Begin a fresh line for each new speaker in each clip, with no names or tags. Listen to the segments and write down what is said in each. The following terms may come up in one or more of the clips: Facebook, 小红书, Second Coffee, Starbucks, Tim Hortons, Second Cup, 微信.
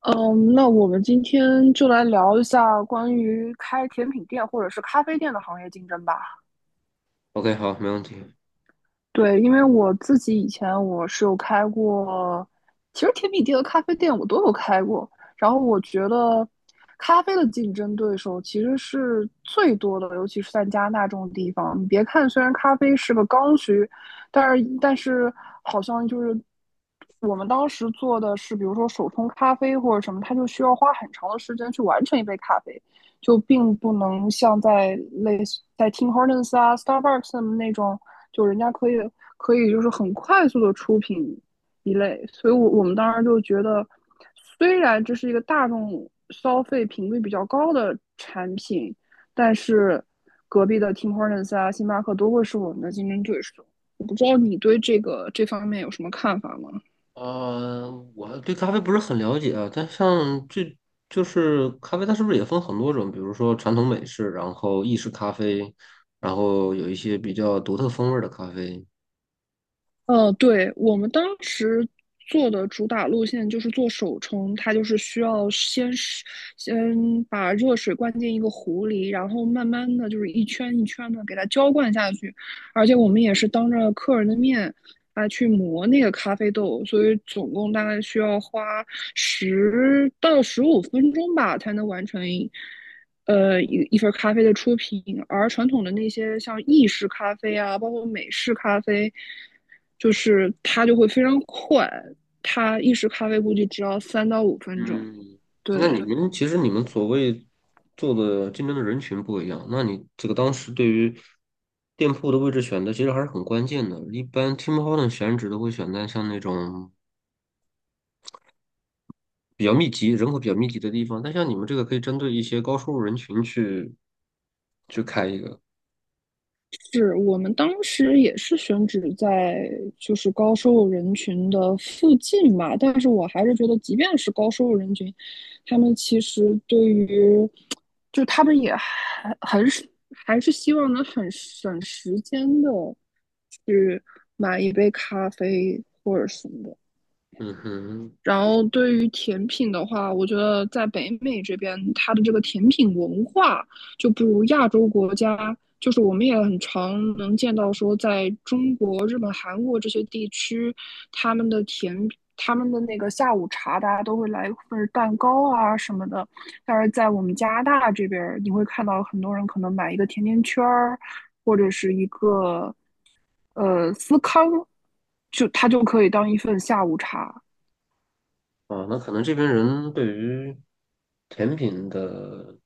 嗯，那我们今天就来聊一下关于开甜品店或者是咖啡店的行业竞争吧。
OK，好，没问题。
对，因为我自己以前我是有开过，其实甜品店和咖啡店我都有开过。然后我觉得，咖啡的竞争对手其实是最多的，尤其是在加拿大这种地方。你别看虽然咖啡是个刚需，但是好像就是我们当时做的是，比如说手冲咖啡或者什么，它就需要花很长的时间去完成一杯咖啡。就并不能像在类似在 Tim Hortons 啊、Starbucks 那种，就人家可以就是很快速的出品一类，所以我们当时就觉得，虽然这是一个大众消费频率比较高的产品，但是隔壁的 Tim Hortons 啊、星巴克都会是我们的竞争对手。我不知道你对这方面有什么看法吗？
我对咖啡不是很了解啊，但像这就是咖啡，它是不是也分很多种？比如说传统美式，然后意式咖啡，然后有一些比较独特风味的咖啡。
对，我们当时做的主打路线就是做手冲，它就是需要先把热水灌进一个壶里，然后慢慢的就是一圈一圈的给它浇灌下去，而且我们也是当着客人的面来去磨那个咖啡豆，所以总共大概需要花10到15分钟吧才能完成一份咖啡的出品，而传统的那些像意式咖啡啊，包括美式咖啡，就是它就会非常快，它意式咖啡估计只要3到5分钟。
嗯，
对，
那你们其实你们所谓做的竞争的人群不一样，那你这个当时对于店铺的位置选择其实还是很关键的。一般 Tim Hortons 选址都会选在像那种比较密集、人口比较密集的地方。但像你们这个可以针对一些高收入人群去开一个。
是我们当时也是选址在就是高收入人群的附近吧，但是我还是觉得，即便是高收入人群，他们其实对于，就他们也还是希望能很省时间的买一杯咖啡或者什么的。
嗯哼。
然后对于甜品的话，我觉得在北美这边，它的这个甜品文化就不如亚洲国家。就是我们也很常能见到说，在中国、日本、韩国这些地区，他们的甜他们的那个下午茶，大家都会来一份蛋糕啊什么的。但是在我们加拿大这边你会看到很多人可能买一个甜甜圈儿，或者是一个司康就它就可以当一份下午茶。
啊，那可能这边人对于甜品的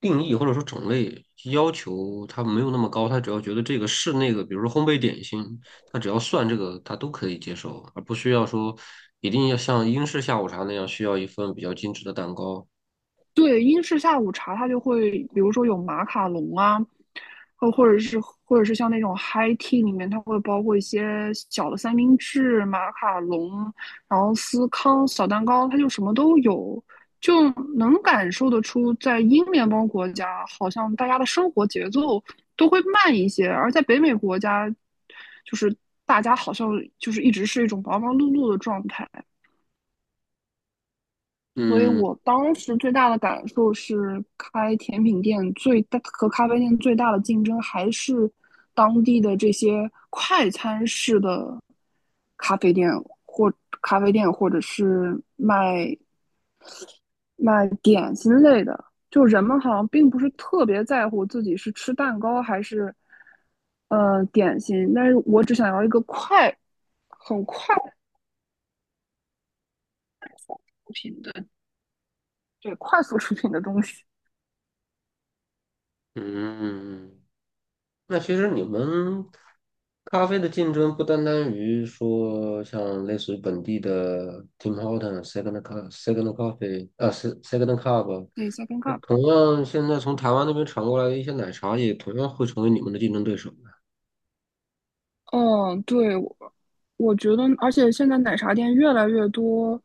定义或者说种类要求，他没有那么高，他只要觉得这个是那个，比如说烘焙点心，他只要算这个，他都可以接受，而不需要说一定要像英式下午茶那样需要一份比较精致的蛋糕。
对，英式下午茶它就会，比如说有马卡龙啊，或者是像那种 high tea 里面，它会包括一些小的三明治、马卡龙，然后司康、小蛋糕，它就什么都有，就能感受得出，在英联邦国家，好像大家的生活节奏都会慢一些，而在北美国家，就是大家好像就是一直是一种忙忙碌碌的状态。所以
嗯
我当时最大的感受是，开甜品店最大和咖啡店最大的竞争还是当地的这些快餐式的咖啡店或咖啡店，或者是卖点心类的。就人们好像并不是特别在乎自己是吃蛋糕还是点心，但是我只想要一个快、很快出品的，对，快速出品的东西。
嗯。那其实你们咖啡的竞争不单单于说像类似于本地的 Tim Horton、Second Cup、Second Coffee 啊 Second Cup，
对 s e c
那
o
同样现在从台湾那边传过来的一些奶茶，也同样会成为你们的竞争对手的。
嗯，对，我觉得，而且现在奶茶店越来越多，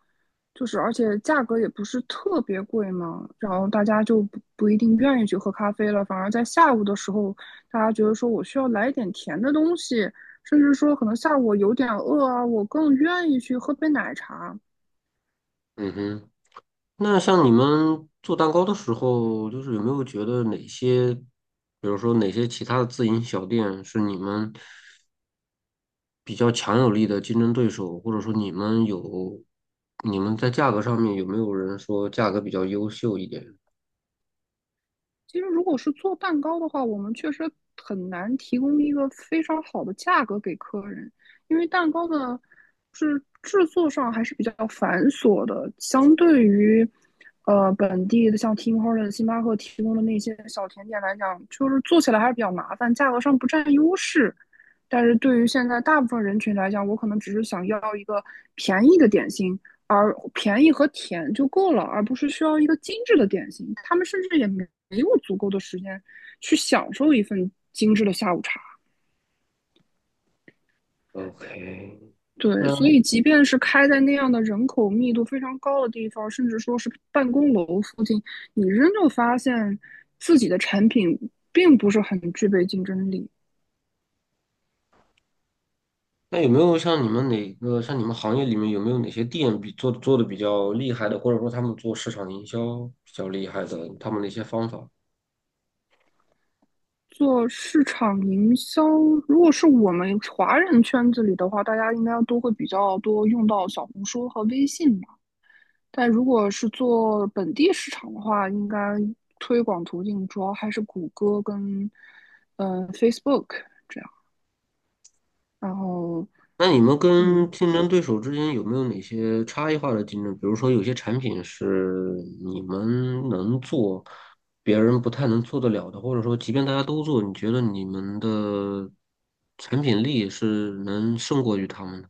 就是而且价格也不是特别贵嘛，然后大家就不一定愿意去喝咖啡了，反而在下午的时候，大家觉得说我需要来一点甜的东西，甚至说可能下午我有点饿啊，我更愿意去喝杯奶茶。
嗯哼。那像你们做蛋糕的时候，就是有没有觉得哪些，比如说哪些其他的自营小店是你们？比较强有力的竞争对手，或者说你们有，你们在价格上面有没有人说价格比较优秀一点
其实如果是做蛋糕的话，我们确实很难提供一个非常好的价格给客人，因为蛋糕的是制作上还是比较繁琐的，相对于本地的像 Tim Hortons、星巴克提供的那些小甜点来讲，就是做起来还是比较麻烦，价格上不占优势。但是对于现在大部分人群来讲，我可能只是想要一个便宜的点心，而便宜和甜就够了，而不是需要一个精致的点心。他们甚至也没有足够的时间去享受一份精致的下午茶。
？OK。
对，
那
所以即便是开在那样的人口密度非常高的地方，甚至说是办公楼附近，你仍旧发现自己的产品并不是很具备竞争力。
那有没有像你们哪个像你们行业里面有没有哪些店比做的比较厉害的，或者说他们做市场营销比较厉害的，他们的一些方法？
做市场营销，如果是我们华人圈子里的话，大家应该都会比较多用到小红书和微信。但如果是做本地市场的话，应该推广途径主要还是谷歌跟Facebook 这样。然后，
那你们跟
嗯，
竞争对手之间有没有哪些差异化的竞争？比如说，有些产品是你们能做，别人不太能做得了的，或者说，即便大家都做，你觉得你们的产品力是能胜过于他们的？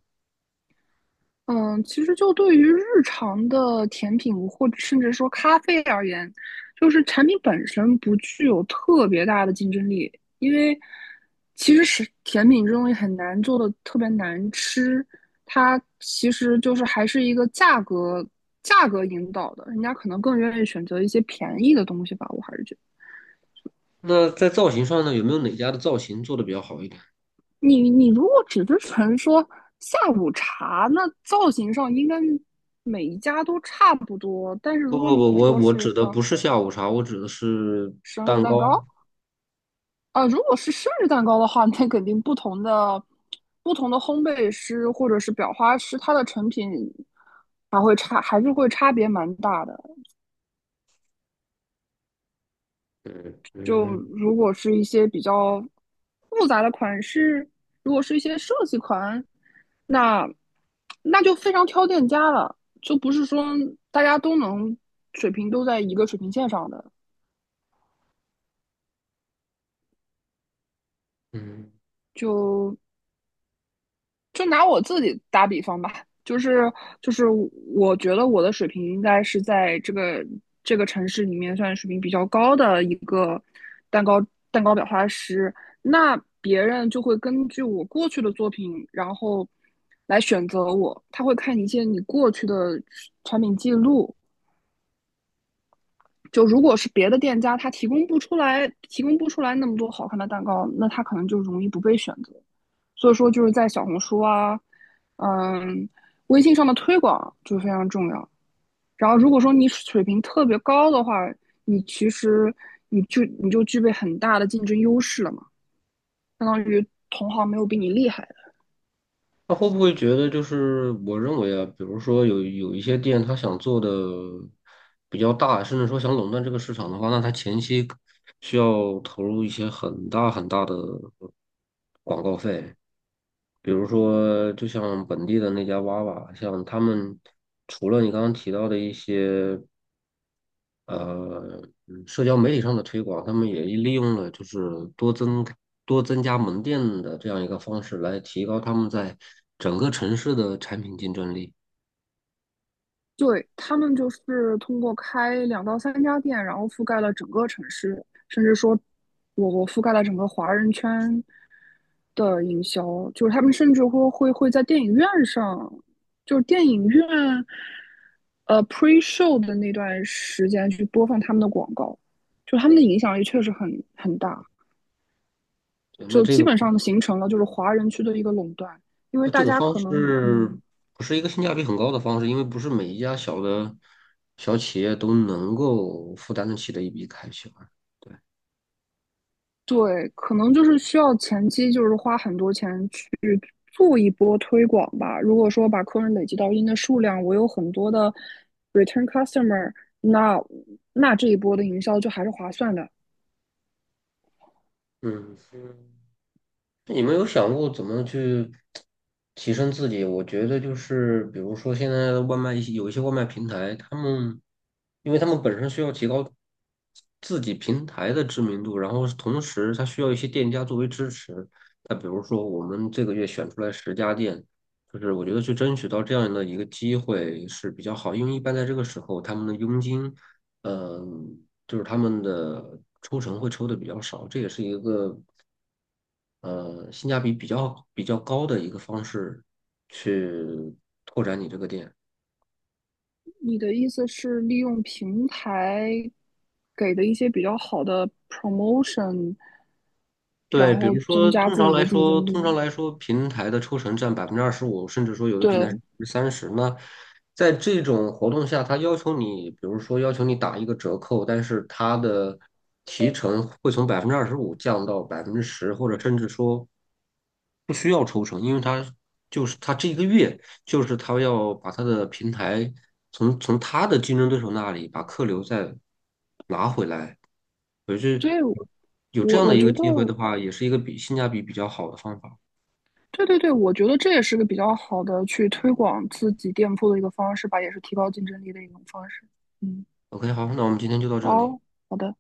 嗯，其实就对于日常的甜品或者甚至说咖啡而言，就是产品本身不具有特别大的竞争力，因为其实是甜品这东西很难做的特别难吃，它其实就是还是一个价格引导的，人家可能更愿意选择一些便宜的东西吧，我还是觉得。
那在造型上呢，有没有哪家的造型做得比较好一点？
你如果只是纯说下午茶，那造型上应该每一家都差不多。但是
不
如
不
果你
不，我
说
我
是
指的
啊、
不是下午茶，我指的是
生日
蛋
蛋
糕。
糕啊、如果是生日蛋糕的话，那肯定不同的烘焙师或者是裱花师，它的成品还会差，还是会差别蛮大的。
嗯
就
嗯
如果是一些比较复杂的款式，如果是一些设计款，那那就非常挑店家了，就不是说大家都能水平都在一个水平线上的。
嗯。
就就拿我自己打比方吧，就是我觉得我的水平应该是在这个城市里面算水平比较高的一个蛋糕蛋糕裱花师，那别人就会根据我过去的作品，然后来选择我，他会看一些你过去的产品记录。就如果是别的店家，他提供不出来那么多好看的蛋糕，那他可能就容易不被选择。所以说就是在小红书啊，嗯，微信上的推广就非常重要。然后如果说你水平特别高的话，你其实你就具备很大的竞争优势了嘛，相当于同行没有比你厉害的。
他会不会觉得就是我认为啊，比如说有一些店，他想做的比较大，甚至说想垄断这个市场的话，那他前期需要投入一些很大很大的广告费，比如说就像本地的那家娃娃，像他们除了你刚刚提到的一些。呃，社交媒体上的推广，他们也利用了就是多增多增加门店的这样一个方式来提高他们在整个城市的产品竞争力。
对，他们就是通过开2到3家店，然后覆盖了整个城市，甚至说我覆盖了整个华人圈，的营销，就是他们甚至会在电影院上，就是电影院pre show 的那段时间去播放他们的广告，就他们的影响力确实很大，
对，那
就
这
基
个
本上形成了就是华人区的一个垄断，因为
那这
大
个
家
方
可能。
式不是一个性价比很高的方式，因为不是每一家小企业都能够负担得起的一笔开销啊对，
对，可能就是需要前期就是花很多钱去做一波推广吧。如果说把客人累积到一定的数量，我有很多的 return customer，那那这一波的营销就还是划算的。
嗯。你们有想过怎么去提升自己？我觉得就是，比如说现在的外卖一些有一些外卖平台，他们因为他们本身需要提高自己平台的知名度，然后同时它需要一些店家作为支持。那比如说我们这个月选出来10家店，就是我觉得去争取到这样的一个机会是比较好，因为一般在这个时候他们的佣金，嗯、就是他们的抽成会抽的比较少，这也是一个。性价比比较高的一个方式去拓展你这个店。
你的意思是利用平台给的一些比较好的 promotion，然
对，比
后
如说，
增加
通
自
常
己
来
的竞
说，
争
通常
力？
来说，平台的抽成占百分之二十五，甚至说有的平台是
对，
30%。那在这种活动下，他要求你，比如说要求你打一个折扣，但是他的提成会从百分之二十五降到10%，或者甚至说不需要抽成，因为他就是他这一个月就是他要把他的平台从他的竞争对手那里把客流再拿回来。可是
所以
有这
我
样的
我
一
觉
个
得。
机会的话，也是一个比性价比比较好的方法。
对对对，我觉得这也是个比较好的去推广自己店铺的一个方式吧，也是提高竞争力的一种方式。嗯，
OK，好，那我们今天就到这里。
哦，好的。